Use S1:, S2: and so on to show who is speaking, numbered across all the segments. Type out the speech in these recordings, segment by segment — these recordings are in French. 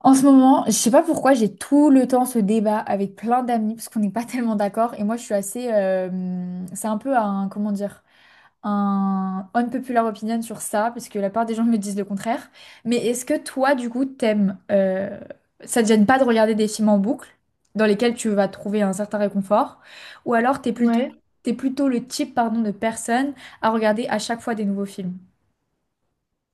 S1: En ce moment, je sais pas pourquoi j'ai tout le temps ce débat avec plein d'amis parce qu'on n'est pas tellement d'accord et moi je suis assez c'est un peu un comment dire un unpopular opinion sur ça parce que la part des gens me disent le contraire. Mais est-ce que toi du coup t'aimes ça te gêne pas de regarder des films en boucle dans lesquels tu vas trouver un certain réconfort ou alors
S2: Ouais.
S1: t'es plutôt le type pardon de personne à regarder à chaque fois des nouveaux films?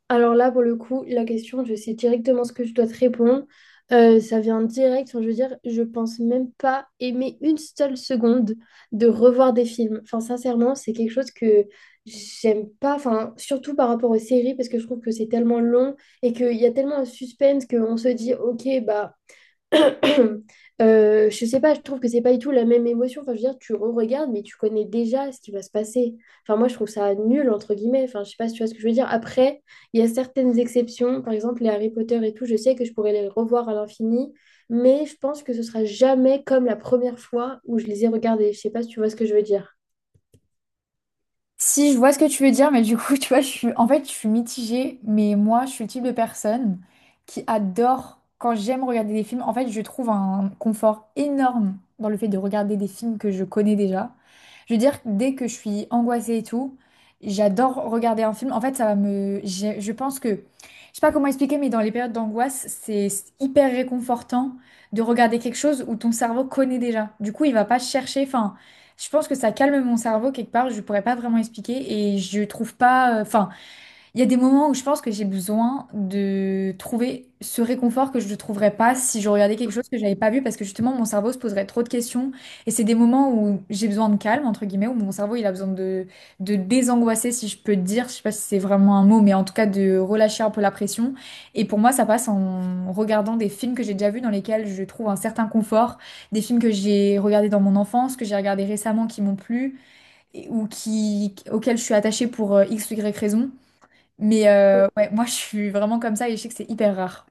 S2: Alors là, pour le coup, la question, je sais directement ce que je dois te répondre. Ça vient direct. Enfin, je veux dire, je pense même pas aimer une seule seconde de revoir des films. Enfin, sincèrement, c'est quelque chose que j'aime pas. Enfin, surtout par rapport aux séries, parce que je trouve que c'est tellement long et qu'il y a tellement un suspense qu'on se dit, ok, bah. Je sais pas, je trouve que c'est pas du tout la même émotion. Enfin, je veux dire, tu re-regardes, mais tu connais déjà ce qui va se passer. Enfin, moi, je trouve ça nul, entre guillemets. Enfin, je sais pas si tu vois ce que je veux dire. Après, il y a certaines exceptions, par exemple les Harry Potter et tout, je sais que je pourrais les revoir à l'infini, mais je pense que ce sera jamais comme la première fois où je les ai regardés. Je sais pas si tu vois ce que je veux dire.
S1: Si, je vois ce que tu veux dire, mais du coup, tu vois, en fait, je suis mitigée, mais moi, je suis le type de personne qui adore, quand j'aime regarder des films, en fait, je trouve un confort énorme dans le fait de regarder des films que je connais déjà. Je veux dire, dès que je suis angoissée et tout, j'adore regarder un film. En fait, ça va me... Je pense que... Je sais pas comment expliquer, mais dans les périodes d'angoisse, c'est hyper réconfortant de regarder quelque chose où ton cerveau connaît déjà. Du coup, il va pas chercher, enfin... Je pense que ça calme mon cerveau quelque part, je pourrais pas vraiment expliquer et je trouve pas, enfin, il y a des moments où je pense que j'ai besoin de trouver ce réconfort que je ne trouverais pas si je regardais quelque chose que j'avais pas vu parce que justement mon cerveau se poserait trop de questions et c'est des moments où j'ai besoin de calme entre guillemets où mon cerveau il a besoin de désangoisser si je peux te dire je sais pas si c'est vraiment un mot mais en tout cas de relâcher un peu la pression et pour moi ça passe en regardant des films que j'ai déjà vus dans lesquels je trouve un certain confort des films que j'ai regardés dans mon enfance que j'ai regardés récemment qui m'ont plu ou qui auxquels je suis attachée pour X ou Y raison mais ouais, moi je suis vraiment comme ça et je sais que c'est hyper rare.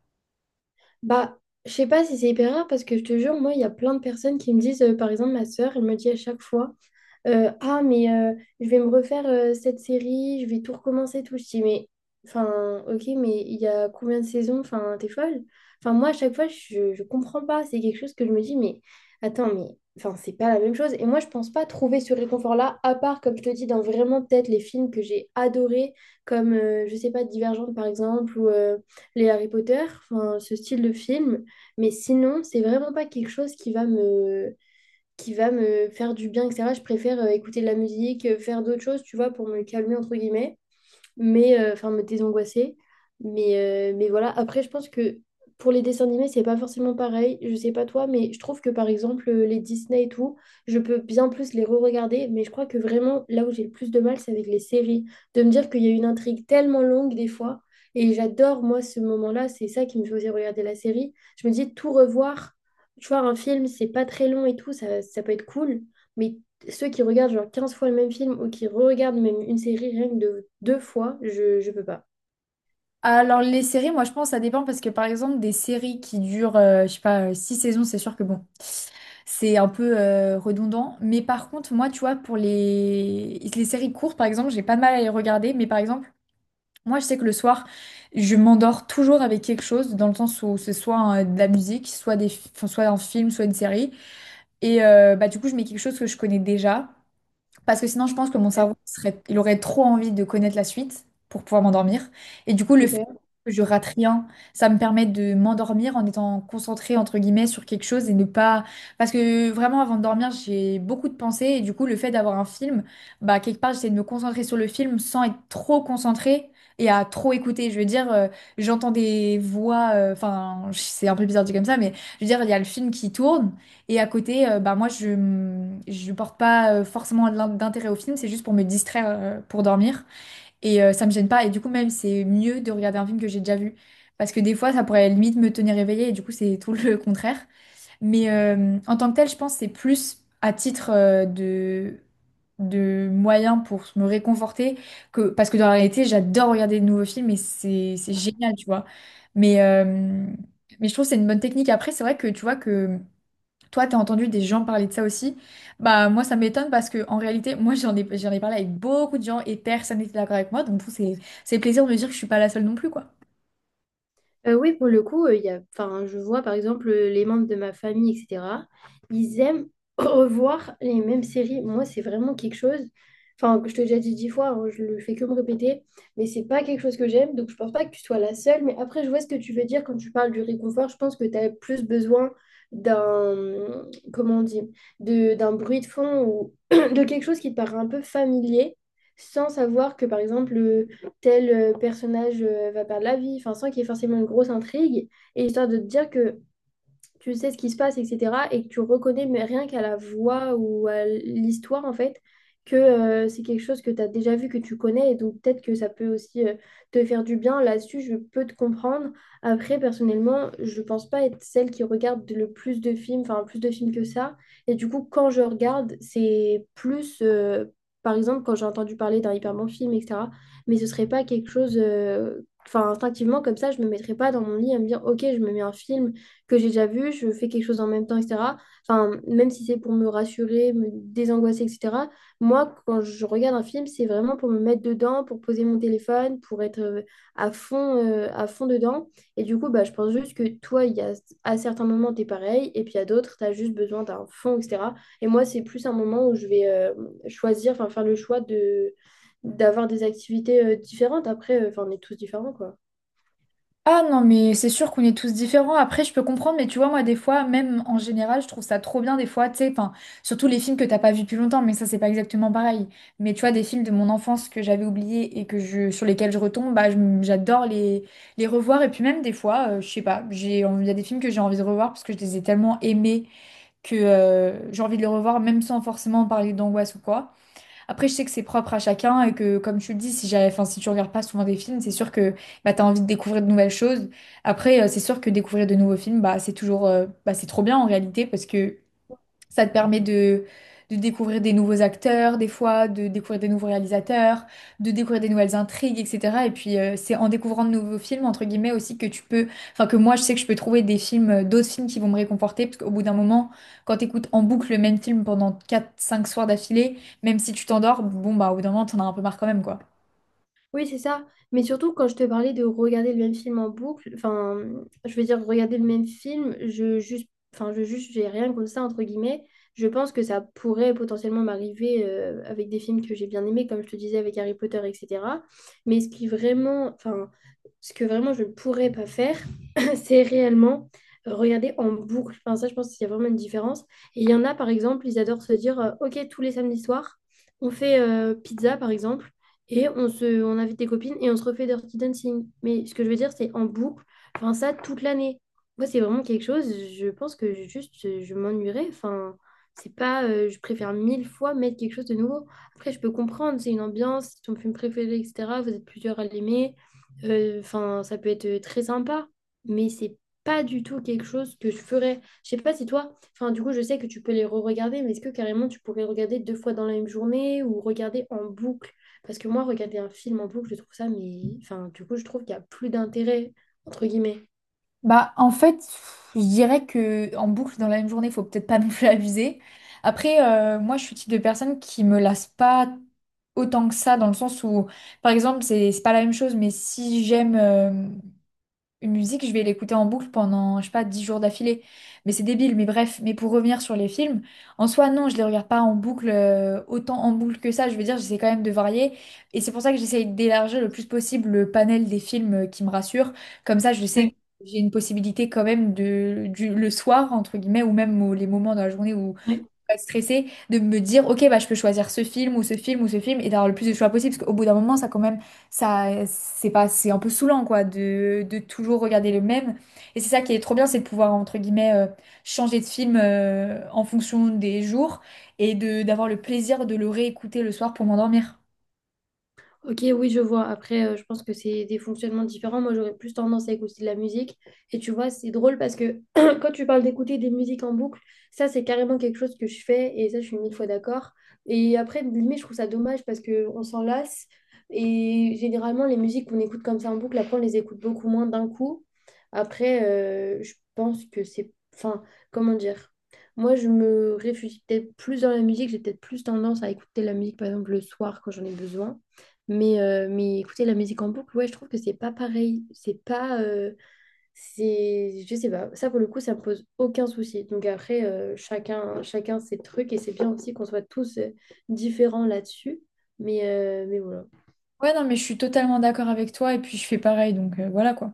S2: Bah, je sais pas si c'est hyper rare parce que je te jure, moi, il y a plein de personnes qui me disent, par exemple, ma sœur, elle me dit à chaque fois, ah, mais je vais me refaire cette série, je vais tout recommencer, tout. Je dis, mais, enfin, ok, mais il y a combien de saisons? Enfin, t'es folle? Enfin, moi, à chaque fois, je comprends pas. C'est quelque chose que je me dis, mais attends, mais, enfin, c'est pas la même chose. Et moi, je pense pas trouver ce réconfort-là, à part, comme je te dis, dans vraiment peut-être les films que j'ai adorés, comme, je sais pas, Divergente, par exemple, ou les Harry Potter, enfin, ce style de film. Mais sinon, c'est vraiment pas quelque chose qui va me faire du bien, etc. Je préfère écouter de la musique, faire d'autres choses, tu vois, pour me calmer, entre guillemets mais enfin me désangoisser. Mais voilà, après, je pense que pour les dessins animés, c'est pas forcément pareil. Je sais pas toi, mais je trouve que par exemple, les Disney et tout, je peux bien plus les re-regarder. Mais je crois que vraiment, là où j'ai le plus de mal, c'est avec les séries. De me dire qu'il y a une intrigue tellement longue des fois. Et j'adore, moi, ce moment-là. C'est ça qui me faisait regarder la série. Je me dis, tout revoir, tu vois, un film, c'est pas très long et tout, ça peut être cool. Mais ceux qui regardent genre 15 fois le même film ou qui regardent même une série rien que de deux fois, je peux pas.
S1: Alors les séries, moi je pense ça dépend parce que par exemple des séries qui durent, je sais pas, 6 saisons, c'est sûr que bon, c'est un peu redondant. Mais par contre, moi tu vois, pour les séries courtes, par exemple, j'ai pas de mal à les regarder. Mais par exemple, moi je sais que le soir, je m'endors toujours avec quelque chose, dans le sens où c'est soit de la musique, soit des... enfin, soit un film, soit une série. Et bah du coup, je mets quelque chose que je connais déjà. Parce que sinon, je pense que mon cerveau serait, il aurait trop envie de connaître la suite pour pouvoir m'endormir. Et du coup, le fait
S2: Ok.
S1: que je rate rien, ça me permet de m'endormir en étant concentrée, entre guillemets, sur quelque chose et ne pas... Parce que vraiment, avant de dormir, j'ai beaucoup de pensées. Et du coup, le fait d'avoir un film, bah, quelque part, j'essaie de me concentrer sur le film sans être trop concentrée et à trop écouter. Je veux dire, j'entends des voix... Enfin, c'est un peu bizarre dit comme ça, mais je veux dire, il y a le film qui tourne. Et à côté, bah moi, je ne porte pas forcément d'intérêt au film, c'est juste pour me distraire, pour dormir. Et ça me gêne pas. Et du coup, même, c'est mieux de regarder un film que j'ai déjà vu. Parce que des fois, ça pourrait limite me tenir éveillée, et du coup, c'est tout le contraire. Mais en tant que tel, je pense que c'est plus à titre de moyen pour me réconforter que parce que dans la réalité, j'adore regarder de nouveaux films et c'est génial, tu vois. Mais euh, mais je trouve que c'est une bonne technique. Après, c'est vrai que tu vois que toi, t'as entendu des gens parler de ça aussi? Bah moi, ça m'étonne parce que en réalité, moi j'en ai parlé avec beaucoup de gens et personne n'était d'accord avec moi. Donc du coup, c'est plaisir de me dire que je suis pas la seule non plus, quoi.
S2: Oui, pour le coup, il y a, enfin, je vois par exemple les membres de ma famille, etc. Ils aiment revoir les mêmes séries. Moi, c'est vraiment quelque chose. Enfin, je te l'ai déjà dit dix fois, hein, je le fais que me répéter, mais c'est pas quelque chose que j'aime, donc je pense pas que tu sois la seule. Mais après, je vois ce que tu veux dire quand tu parles du réconfort. Je pense que tu as plus besoin d'un, comment on dit, d'un bruit de fond ou de quelque chose qui te paraît un peu familier, sans savoir que par exemple tel personnage va perdre la vie, enfin, sans qu'il y ait forcément une grosse intrigue, et histoire de te dire que tu sais ce qui se passe, etc. Et que tu reconnais, mais rien qu'à la voix ou à l'histoire, en fait, que c'est quelque chose que tu as déjà vu, que tu connais. Et donc, peut-être que ça peut aussi te faire du bien. Là-dessus, je peux te comprendre. Après, personnellement, je pense pas être celle qui regarde le plus de films, enfin, plus de films que ça. Et du coup, quand je regarde, c'est plus. Par exemple, quand j'ai entendu parler d'un hyper bon film, etc. Mais ce serait pas quelque chose, enfin, instinctivement, comme ça, je me mettrais pas dans mon lit à me dire, OK, je me mets un film que j'ai déjà vu, je fais quelque chose en même temps, etc. Enfin, même si c'est pour me rassurer, me désangoisser, etc. Moi, quand je regarde un film, c'est vraiment pour me mettre dedans, pour poser mon téléphone, pour être à fond dedans. Et du coup, bah, je pense juste que toi, il y a, à certains moments, tu es pareil, et puis à d'autres, tu as juste besoin d'un fond, etc. Et moi, c'est plus un moment où je vais choisir, enfin, faire le choix de d'avoir des activités différentes. Après, enfin, on est tous différents, quoi.
S1: Ah non, mais c'est sûr qu'on est tous différents. Après, je peux comprendre, mais tu vois, moi, des fois, même en général, je trouve ça trop bien, des fois, tu sais, enfin, surtout les films que t'as pas vus depuis longtemps, mais ça, c'est pas exactement pareil. Mais tu vois, des films de mon enfance que j'avais oubliés et que je, sur lesquels je retombe, bah, j'adore les revoir. Et puis même, des fois, je sais pas, j'ai, il y a des films que j'ai envie de revoir parce que je les ai tellement aimés que j'ai envie de le revoir, même sans forcément parler d'angoisse ou quoi. Après, je sais que c'est propre à chacun et que, comme tu le dis, si j'avais, enfin, si tu regardes pas souvent des films, c'est sûr que bah, tu as envie de découvrir de nouvelles choses. Après, c'est sûr que découvrir de nouveaux films, bah, c'est toujours, bah, c'est trop bien en réalité parce que ça te permet de découvrir des nouveaux acteurs, des fois, de découvrir des nouveaux réalisateurs, de découvrir des nouvelles intrigues, etc. Et puis, c'est en découvrant de nouveaux films, entre guillemets, aussi que tu peux, enfin, que moi, je sais que je peux trouver des films, d'autres films qui vont me réconforter, parce qu'au bout d'un moment, quand t'écoutes en boucle le même film pendant quatre cinq soirs d'affilée, même si tu t'endors, bon, bah, au bout d'un moment, t'en as un peu marre quand même, quoi.
S2: Oui, c'est ça. Mais surtout, quand je te parlais de regarder le même film en boucle, enfin, je veux dire, regarder le même film, je juste, j'ai rien contre ça, entre guillemets. Je pense que ça pourrait potentiellement m'arriver avec des films que j'ai bien aimés, comme je te disais, avec Harry Potter, etc. Mais ce qui vraiment, enfin, ce que vraiment je ne pourrais pas faire, c'est réellement regarder en boucle. Enfin, ça, je pense qu'il y a vraiment une différence. Et il y en a, par exemple, ils adorent se dire, OK, tous les samedis soirs, on fait pizza, par exemple, et on invite des copines et on se refait Dirty Dancing. Mais ce que je veux dire, c'est en boucle, enfin, ça, toute l'année. Moi, c'est vraiment quelque chose, je pense que juste, je, m'ennuierais. Enfin, c'est pas, je préfère mille fois mettre quelque chose de nouveau. Après, je peux comprendre, c'est une ambiance, c'est ton film préféré, etc. Vous êtes plusieurs à l'aimer. Enfin, ça peut être très sympa, mais c'est pas du tout quelque chose que je ferais. Je sais pas si toi, enfin, du coup, je sais que tu peux les re-regarder, mais est-ce que carrément tu pourrais regarder deux fois dans la même journée ou regarder en boucle? Parce que moi, regarder un film en boucle, je trouve ça, mais enfin, du coup, je trouve qu'il y a plus d'intérêt, entre guillemets.
S1: Bah, en fait, pff, je dirais que en boucle dans la même journée, faut peut-être pas non plus abuser. Après, moi, je suis le type de personne qui me lasse pas autant que ça, dans le sens où, par exemple, c'est pas la même chose, mais si j'aime. Une musique, je vais l'écouter en boucle pendant, je sais pas, 10 jours d'affilée. Mais c'est débile, mais bref. Mais pour revenir sur les films, en soi, non, je les regarde pas en boucle, autant en boucle que ça. Je veux dire, j'essaie quand même de varier. Et c'est pour ça que j'essaie d'élargir le plus possible le panel des films qui me rassurent. Comme ça, je sais que j'ai une possibilité quand même de, du, le soir, entre guillemets, ou même les moments de la journée où
S2: Ouais.
S1: pas être stressée de me dire, ok, bah, je peux choisir ce film ou ce film ou ce film et d'avoir le plus de choix possible. Parce qu'au bout d'un moment, ça, quand même, ça, c'est pas, c'est un peu saoulant, quoi, de toujours regarder le même. Et c'est ça qui est trop bien, c'est de pouvoir, entre guillemets, changer de film en fonction des jours et d'avoir le plaisir de le réécouter le soir pour m'endormir.
S2: Ok, oui, je vois. Après, je pense que c'est des fonctionnements différents. Moi, j'aurais plus tendance à écouter de la musique. Et tu vois, c'est drôle parce que quand tu parles d'écouter des musiques en boucle, ça, c'est carrément quelque chose que je fais. Et ça, je suis mille fois d'accord. Et après, limite, je trouve ça dommage parce qu'on s'en lasse. Et généralement, les musiques qu'on écoute comme ça en boucle, après, on les écoute beaucoup moins d'un coup. Après, je pense que c'est... Enfin, comment dire? Moi, je me réfugie peut-être plus dans la musique. J'ai peut-être plus tendance à écouter la musique, par exemple, le soir quand j'en ai besoin. Mais écouter la musique en boucle, ouais, je trouve que c'est pas pareil. C'est pas. C'est, je sais pas. Ça, pour le coup, ça me pose aucun souci. Donc après, chacun ses trucs et c'est bien aussi qu'on soit tous différents là-dessus. Mais voilà.
S1: Ouais, non, mais je suis totalement d'accord avec toi et puis je fais pareil, donc voilà quoi.